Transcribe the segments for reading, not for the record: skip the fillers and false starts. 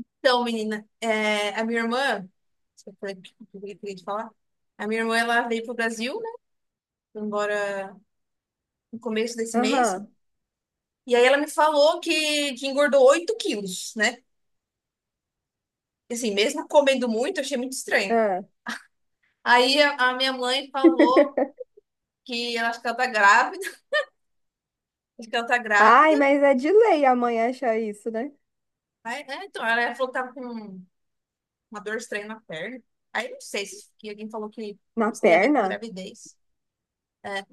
Então, menina, a minha irmã, você falou que eu queria te falar, a minha irmã ela veio pro Brasil, né? Foi embora no começo desse mês. Aham. E aí ela me falou que engordou 8 quilos, né? E assim, mesmo comendo muito, eu achei muito estranho. ah. Aí a minha mãe falou que ela acha que ela tá grávida, acho que ela tá grávida. Ai, mas é de lei a mãe achar isso, né? Ela falou que tava com uma dor estranha na perna. Aí não sei se que alguém falou que Na isso tem a ver com perna? gravidez. É,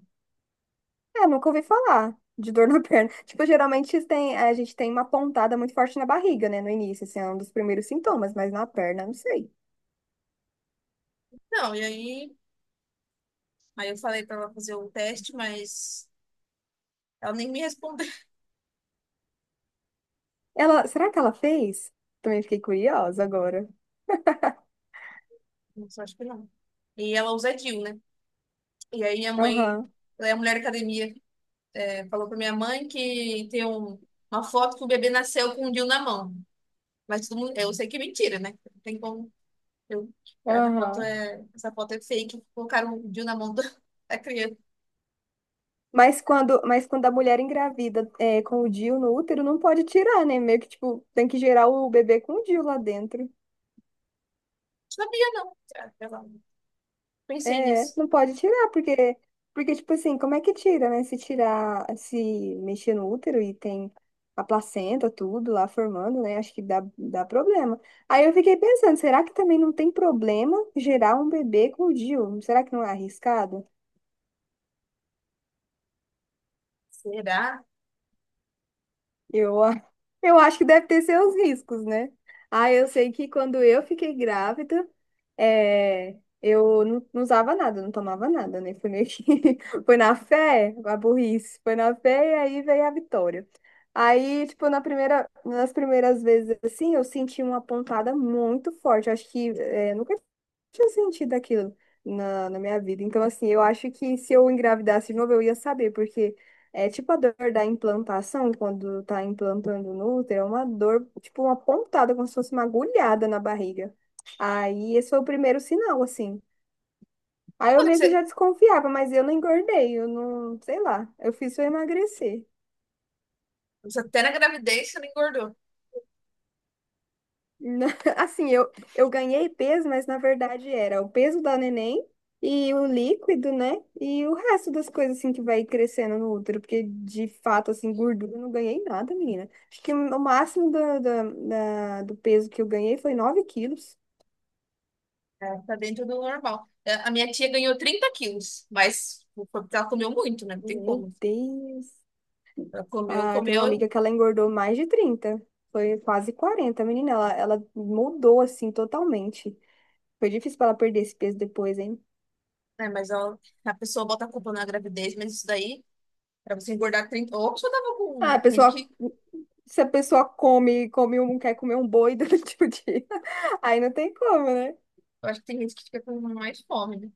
É, nunca ouvi falar de dor na perna. Tipo, geralmente tem, a gente tem uma pontada muito forte na barriga, né? No início, assim, é um dos primeiros sintomas, mas na perna, não sei. não, e aí. Aí eu falei pra ela fazer o teste, mas ela nem me respondeu. Ela, será que ela fez? Também fiquei curiosa agora. Nossa, eu acho que não. E ela usa DIU, né? E aí minha mãe, Aham, ela é mulher academia, falou pra minha mãe que uma foto que o bebê nasceu com o DIU na mão. Mas todo mundo, eu sei que é mentira, né? Não tem como. Eu, aham. Essa foto é fake. Colocaram o DIU na mão da criança. Mas quando a mulher engravida é, com o DIU no útero, não pode tirar, né? Meio que, tipo, tem que gerar o bebê com o DIU lá dentro. Não sabia, não. Ah, sei lá. Pensei É, nisso. não pode tirar, porque, tipo assim, como é que tira, né? Se tirar, se mexer no útero e tem a placenta, tudo lá formando, né? Acho que dá problema. Aí eu fiquei pensando, será que também não tem problema gerar um bebê com o DIU? Será que não é arriscado? Será? Eu, a- eu acho que deve ter seus riscos, né? Ah, eu sei que quando eu fiquei grávida, é, eu não usava nada, não tomava nada, né? Foi meio que... Foi na fé, a burrice. Foi na fé e aí veio a vitória. Aí, tipo, na primeira, nas primeiras vezes, assim, eu senti uma pontada muito forte. Eu acho que... É, nunca tinha sentido aquilo na minha vida. Então, assim, eu acho que se eu engravidasse de novo, eu ia saber, porque é tipo a dor da implantação, quando tá implantando no útero, é uma dor, tipo uma pontada, como se fosse uma agulhada na barriga. Aí, esse foi o primeiro sinal, assim. Aí eu Olha, que meio que já você, desconfiava, mas eu não engordei, eu não, sei lá, eu fiz eu emagrecer. você até na gravidez você não engordou. Na- Assim, eu ganhei peso, mas na verdade era o peso da neném e o líquido, né? E o resto das coisas, assim, que vai crescendo no útero, porque de fato, assim, gordura eu não ganhei nada, menina. Acho que o máximo do peso que eu ganhei foi 9 quilos. É, tá dentro do normal. É, a minha tia ganhou 30 quilos, mas foi porque ela comeu muito, né? Não tem Meu como. Deus! Ela comeu, Ah, tem uma comeu, amiga que ela engordou mais de 30, foi quase 40, menina. Ela mudou, assim, totalmente. Foi difícil para ela perder esse peso depois, hein? né? A pessoa bota a culpa na gravidez, mas isso daí, pra você engordar 30. Ou a pessoa tava com. Ah, Tem gente pessoal. que. Se a pessoa come, come um, quer comer um boi durante o dia, aí não tem como, né? Eu acho que tem gente que fica com mais fome, né?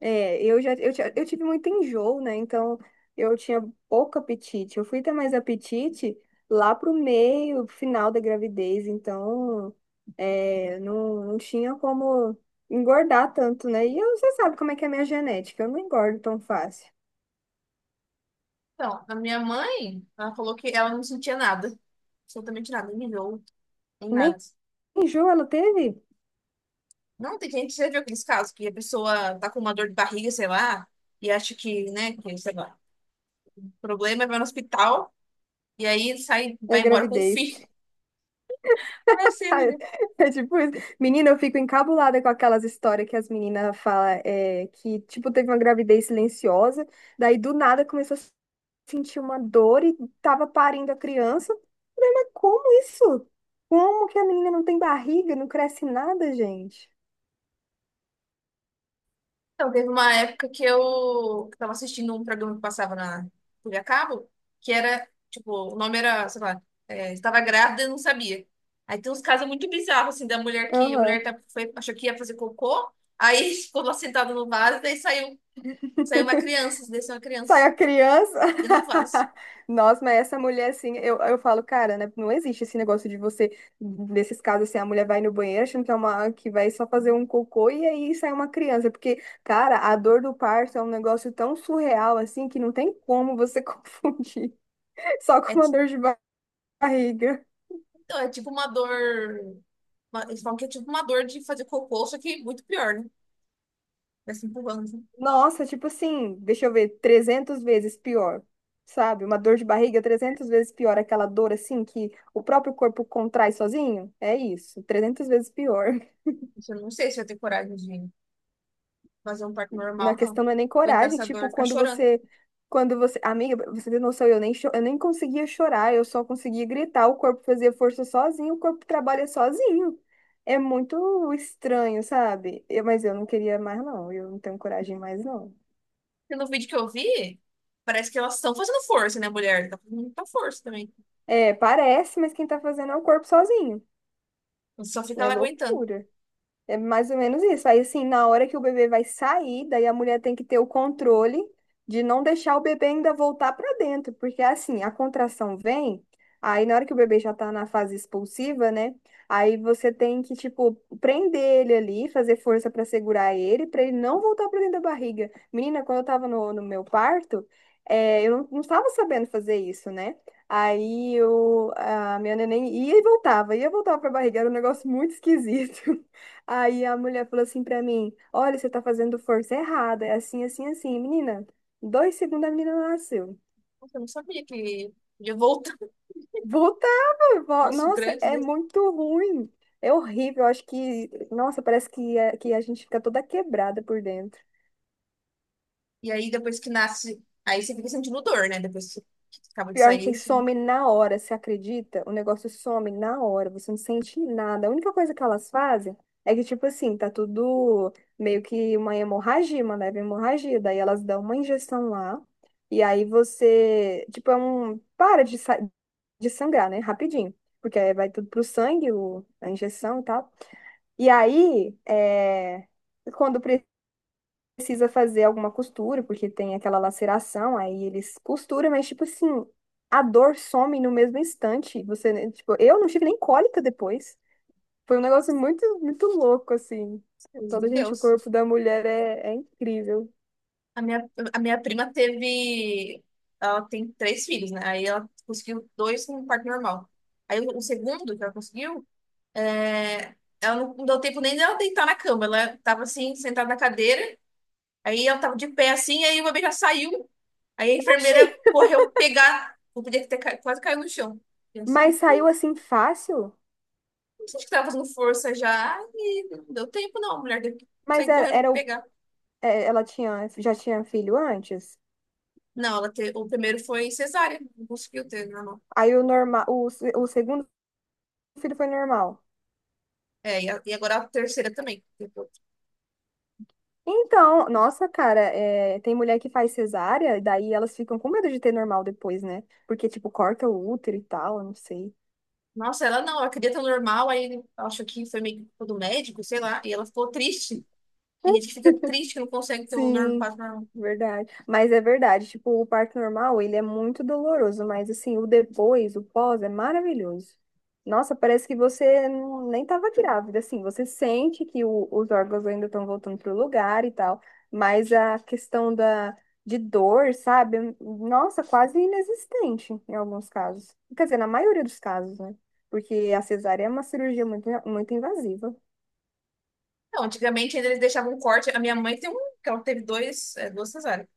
É, eu já, eu tive muito enjoo, né? Então, eu tinha pouco apetite. Eu fui ter mais apetite lá pro meio, final da gravidez. Então, é, não tinha como engordar tanto, né? E eu, você sabe como é que é a minha genética. Eu não engordo tão fácil. Então, a minha mãe, ela falou que ela não sentia nada. Absolutamente nada, nem enjoo, nem Nem nada. enjoo ela teve Não, tem gente que já viu aqueles casos que a pessoa tá com uma dor de barriga, sei lá, e acha que, né, que, sei lá, o problema é vai no hospital. E aí sai, na vai embora com o gravidez. filho. Tá nascendo, Ai, né? é tipo isso. Menina, eu fico encabulada com aquelas histórias que as meninas falam é, que, tipo, teve uma gravidez silenciosa, daí do nada começou a sentir uma dor e tava parindo a criança. Eu falei: Mas como isso? Como que a menina não tem barriga, não cresce nada, gente? Então, teve uma época que eu que tava assistindo um programa que passava na TV a cabo, que era, tipo, o nome era, sei lá, é, estava grávida e não sabia. Aí tem uns casos muito bizarros, assim, da mulher que a Aham. mulher tá, foi, achou que ia fazer cocô, aí ficou lá sentada no vaso, daí saiu uma criança, desceu uma Sai criança a criança. dentro do vaso. Nossa, mas essa mulher, assim, eu falo, cara, né, não existe esse negócio de você, nesses casos, assim, a mulher vai no banheiro achando que é uma, que vai só fazer um cocô e aí sai uma criança. Porque, cara, a dor do parto é um negócio tão surreal, assim, que não tem como você confundir só É, com uma ti- dor de barriga. então, é tipo uma dor. Eles falam que é tipo uma dor de fazer cocô, só que muito pior, né? Vai se empurrando, assim. Nossa, tipo assim, deixa eu ver, 300 vezes pior, sabe? Uma dor de barriga 300 vezes pior, aquela dor assim que o próprio corpo contrai sozinho. É isso, 300 vezes pior. Isso. Eu não sei se eu tenho coragem de fazer um parto Na normal, não. questão não é nem Aguentar coragem, essa dor e tipo, ficar chorando. Quando você, amiga, você tem noção, eu nem, eu nem conseguia chorar, eu só conseguia gritar, o corpo fazia força sozinho, o corpo trabalha sozinho. É muito estranho, sabe? Mas eu não queria mais, não, eu não tenho coragem mais, não. Porque no vídeo que eu vi, parece que elas estão fazendo força, né, mulher? Tá fazendo muita força também. É, parece, mas quem tá fazendo é o corpo sozinho. Só fica É ela aguentando. loucura. É mais ou menos isso. Aí, assim, na hora que o bebê vai sair, daí a mulher tem que ter o controle de não deixar o bebê ainda voltar para dentro, porque assim, a contração vem, aí na hora que o bebê já tá na fase expulsiva, né? Aí você tem que, tipo, prender ele ali, fazer força para segurar ele, para ele não voltar para dentro da barriga. Menina, quando eu tava no meu parto, é, eu não tava sabendo fazer isso, né? Aí eu, a minha neném ia e voltava pra barriga, era um negócio muito esquisito. Aí a mulher falou assim pra mim: Olha, você tá fazendo força errada. É assim, assim, assim. Menina, dois segundos a menina nasceu. Nossa, eu não sabia que podia voltar. Voltava. Nosso Nossa, grande é desse. muito ruim. É horrível. Eu acho que, nossa, parece que, que a gente fica toda quebrada por dentro. E aí, depois que nasce, aí você fica sentindo dor, né? Depois que acaba de Pior sair, que isso. some na hora, você acredita? O negócio some na hora, você não sente nada. A única coisa que elas fazem é que, tipo assim, tá tudo meio que uma hemorragia, uma leve hemorragia. Daí elas dão uma injeção lá, e aí você, tipo, é um. Para de sangrar, né? Rapidinho. Porque aí vai tudo pro sangue, o... a injeção e tal. E aí, é... quando precisa fazer alguma costura, porque tem aquela laceração, aí eles costuram, mas tipo assim, a dor some no mesmo instante. Você, né, tipo, eu não tive nem cólica depois. Foi um negócio muito, muito louco, assim. Deus de Todo, gente, o Deus. corpo da mulher é incrível. A minha, a minha prima teve. Ela tem três filhos, né? Aí ela conseguiu dois com um parto normal. Aí o segundo que ela conseguiu, é, ela não deu tempo nem dela deitar na cama. Ela tava assim, sentada na cadeira. Aí ela tava de pé assim, aí o bebê já saiu. Aí a Oxi! enfermeira correu pegar. O bebê quase caiu no chão. Eu assim, Mas saiu assim fácil? não sei se tava fazendo força já. E não deu tempo, não. A mulher teve que Mas sair era, correndo pra era o, pegar. é, ela tinha, já tinha filho antes? Não, o primeiro foi cesárea. Não conseguiu ter, né? Aí o normal, o, o segundo filho foi normal. É, e agora a terceira também. Tipo, Então, nossa, cara, é, tem mulher que faz cesárea, e daí elas ficam com medo de ter normal depois, né? Porque, tipo, corta o útero e tal, eu não sei. nossa, ela não, ela queria ter o normal, aí acho que foi meio que culpa do médico, sei lá, e ela ficou triste. Tem gente que fica triste que não consegue ter o normal, Sim, parto normal. verdade. Mas é verdade, tipo, o parto normal, ele é muito doloroso, mas assim, o depois, o pós é maravilhoso. Nossa, parece que você nem estava grávida, assim, você sente que os órgãos ainda estão voltando pro lugar e tal, mas a questão da de dor, sabe? Nossa, quase inexistente em alguns casos. Quer dizer, na maioria dos casos, né? Porque a cesárea é uma cirurgia muito, muito invasiva. Não, antigamente ainda eles deixavam um corte. A minha mãe tem um, que ela teve duas cesáreas.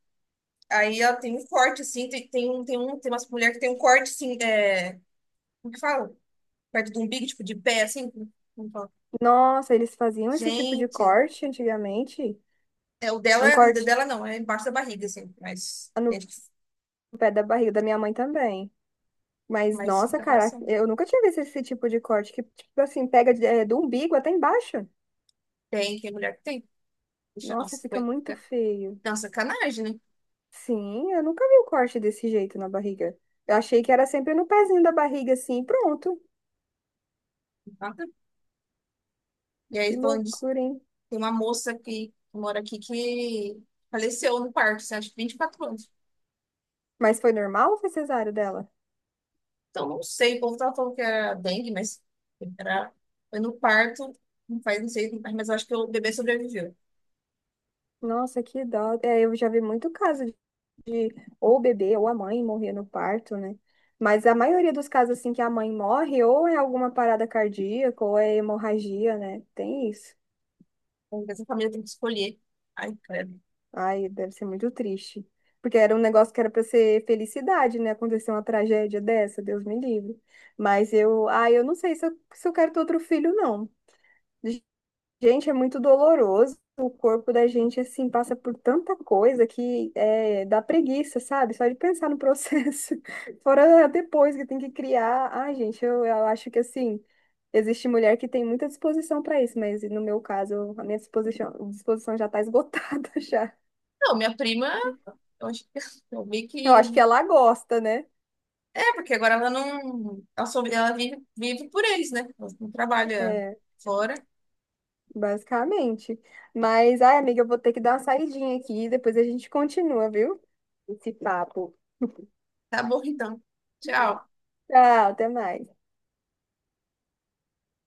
Aí ela tem um corte, assim, tem umas mulheres que tem um corte, assim, é, como que fala? Perto do umbigo, tipo, de pé, assim, como como fala? Nossa, eles faziam esse tipo de Gente, corte antigamente. Um o corte dela não, é embaixo da barriga, assim, no pé da barriga da minha mãe também. Mas, mas nossa, fica pra cara, cima. eu nunca tinha visto esse tipo de corte que, tipo assim, pega do umbigo até embaixo. Tem mulher que tem. Deixa. Nossa, Nossa, fica foi. muito feio. Não, sacanagem, né? Sim, eu nunca vi um corte desse jeito na barriga. Eu achei que era sempre no pezinho da barriga, assim, e pronto. Nada. E Que aí, falando disso, loucura, hein? tem uma moça que mora aqui que faleceu no parto, assim, acho que 24 anos. Mas foi normal ou foi cesárea dela? Então, não sei, o povo tava falando que era dengue, mas era... foi no parto, não faz, não sei, mas eu acho que o bebê sobreviveu. Nossa, que dó. É, eu já vi muito caso ou o bebê ou a mãe morrer no parto, né? Mas a maioria dos casos, assim, que a mãe morre, ou é alguma parada cardíaca, ou é hemorragia, né? Tem isso. Então, essa família tem que escolher. Ai, credo. Ai, deve ser muito triste. Porque era um negócio que era para ser felicidade, né? Acontecer uma tragédia dessa, Deus me livre. Mas eu, ai, eu não sei se eu quero ter outro filho, não. Gente, é muito doloroso. O corpo da gente, assim, passa por tanta coisa que é, dá preguiça, sabe? Só de pensar no processo. Fora depois que tem que criar. Ai, gente, eu acho que, assim, existe mulher que tem muita disposição para isso, mas no meu caso, a minha disposição já tá esgotada já. Não, minha prima, eu acho que eu vi Eu acho que. que ela gosta, né? É, porque agora ela não. Ela, sobre... ela vive por eles, né? Ela não trabalha É, fora. basicamente. Mas, ai, amiga, eu vou ter que dar uma saidinha aqui. Depois a gente continua, viu? Esse papo. Tá bom, então. Tchau. Tchau, até mais.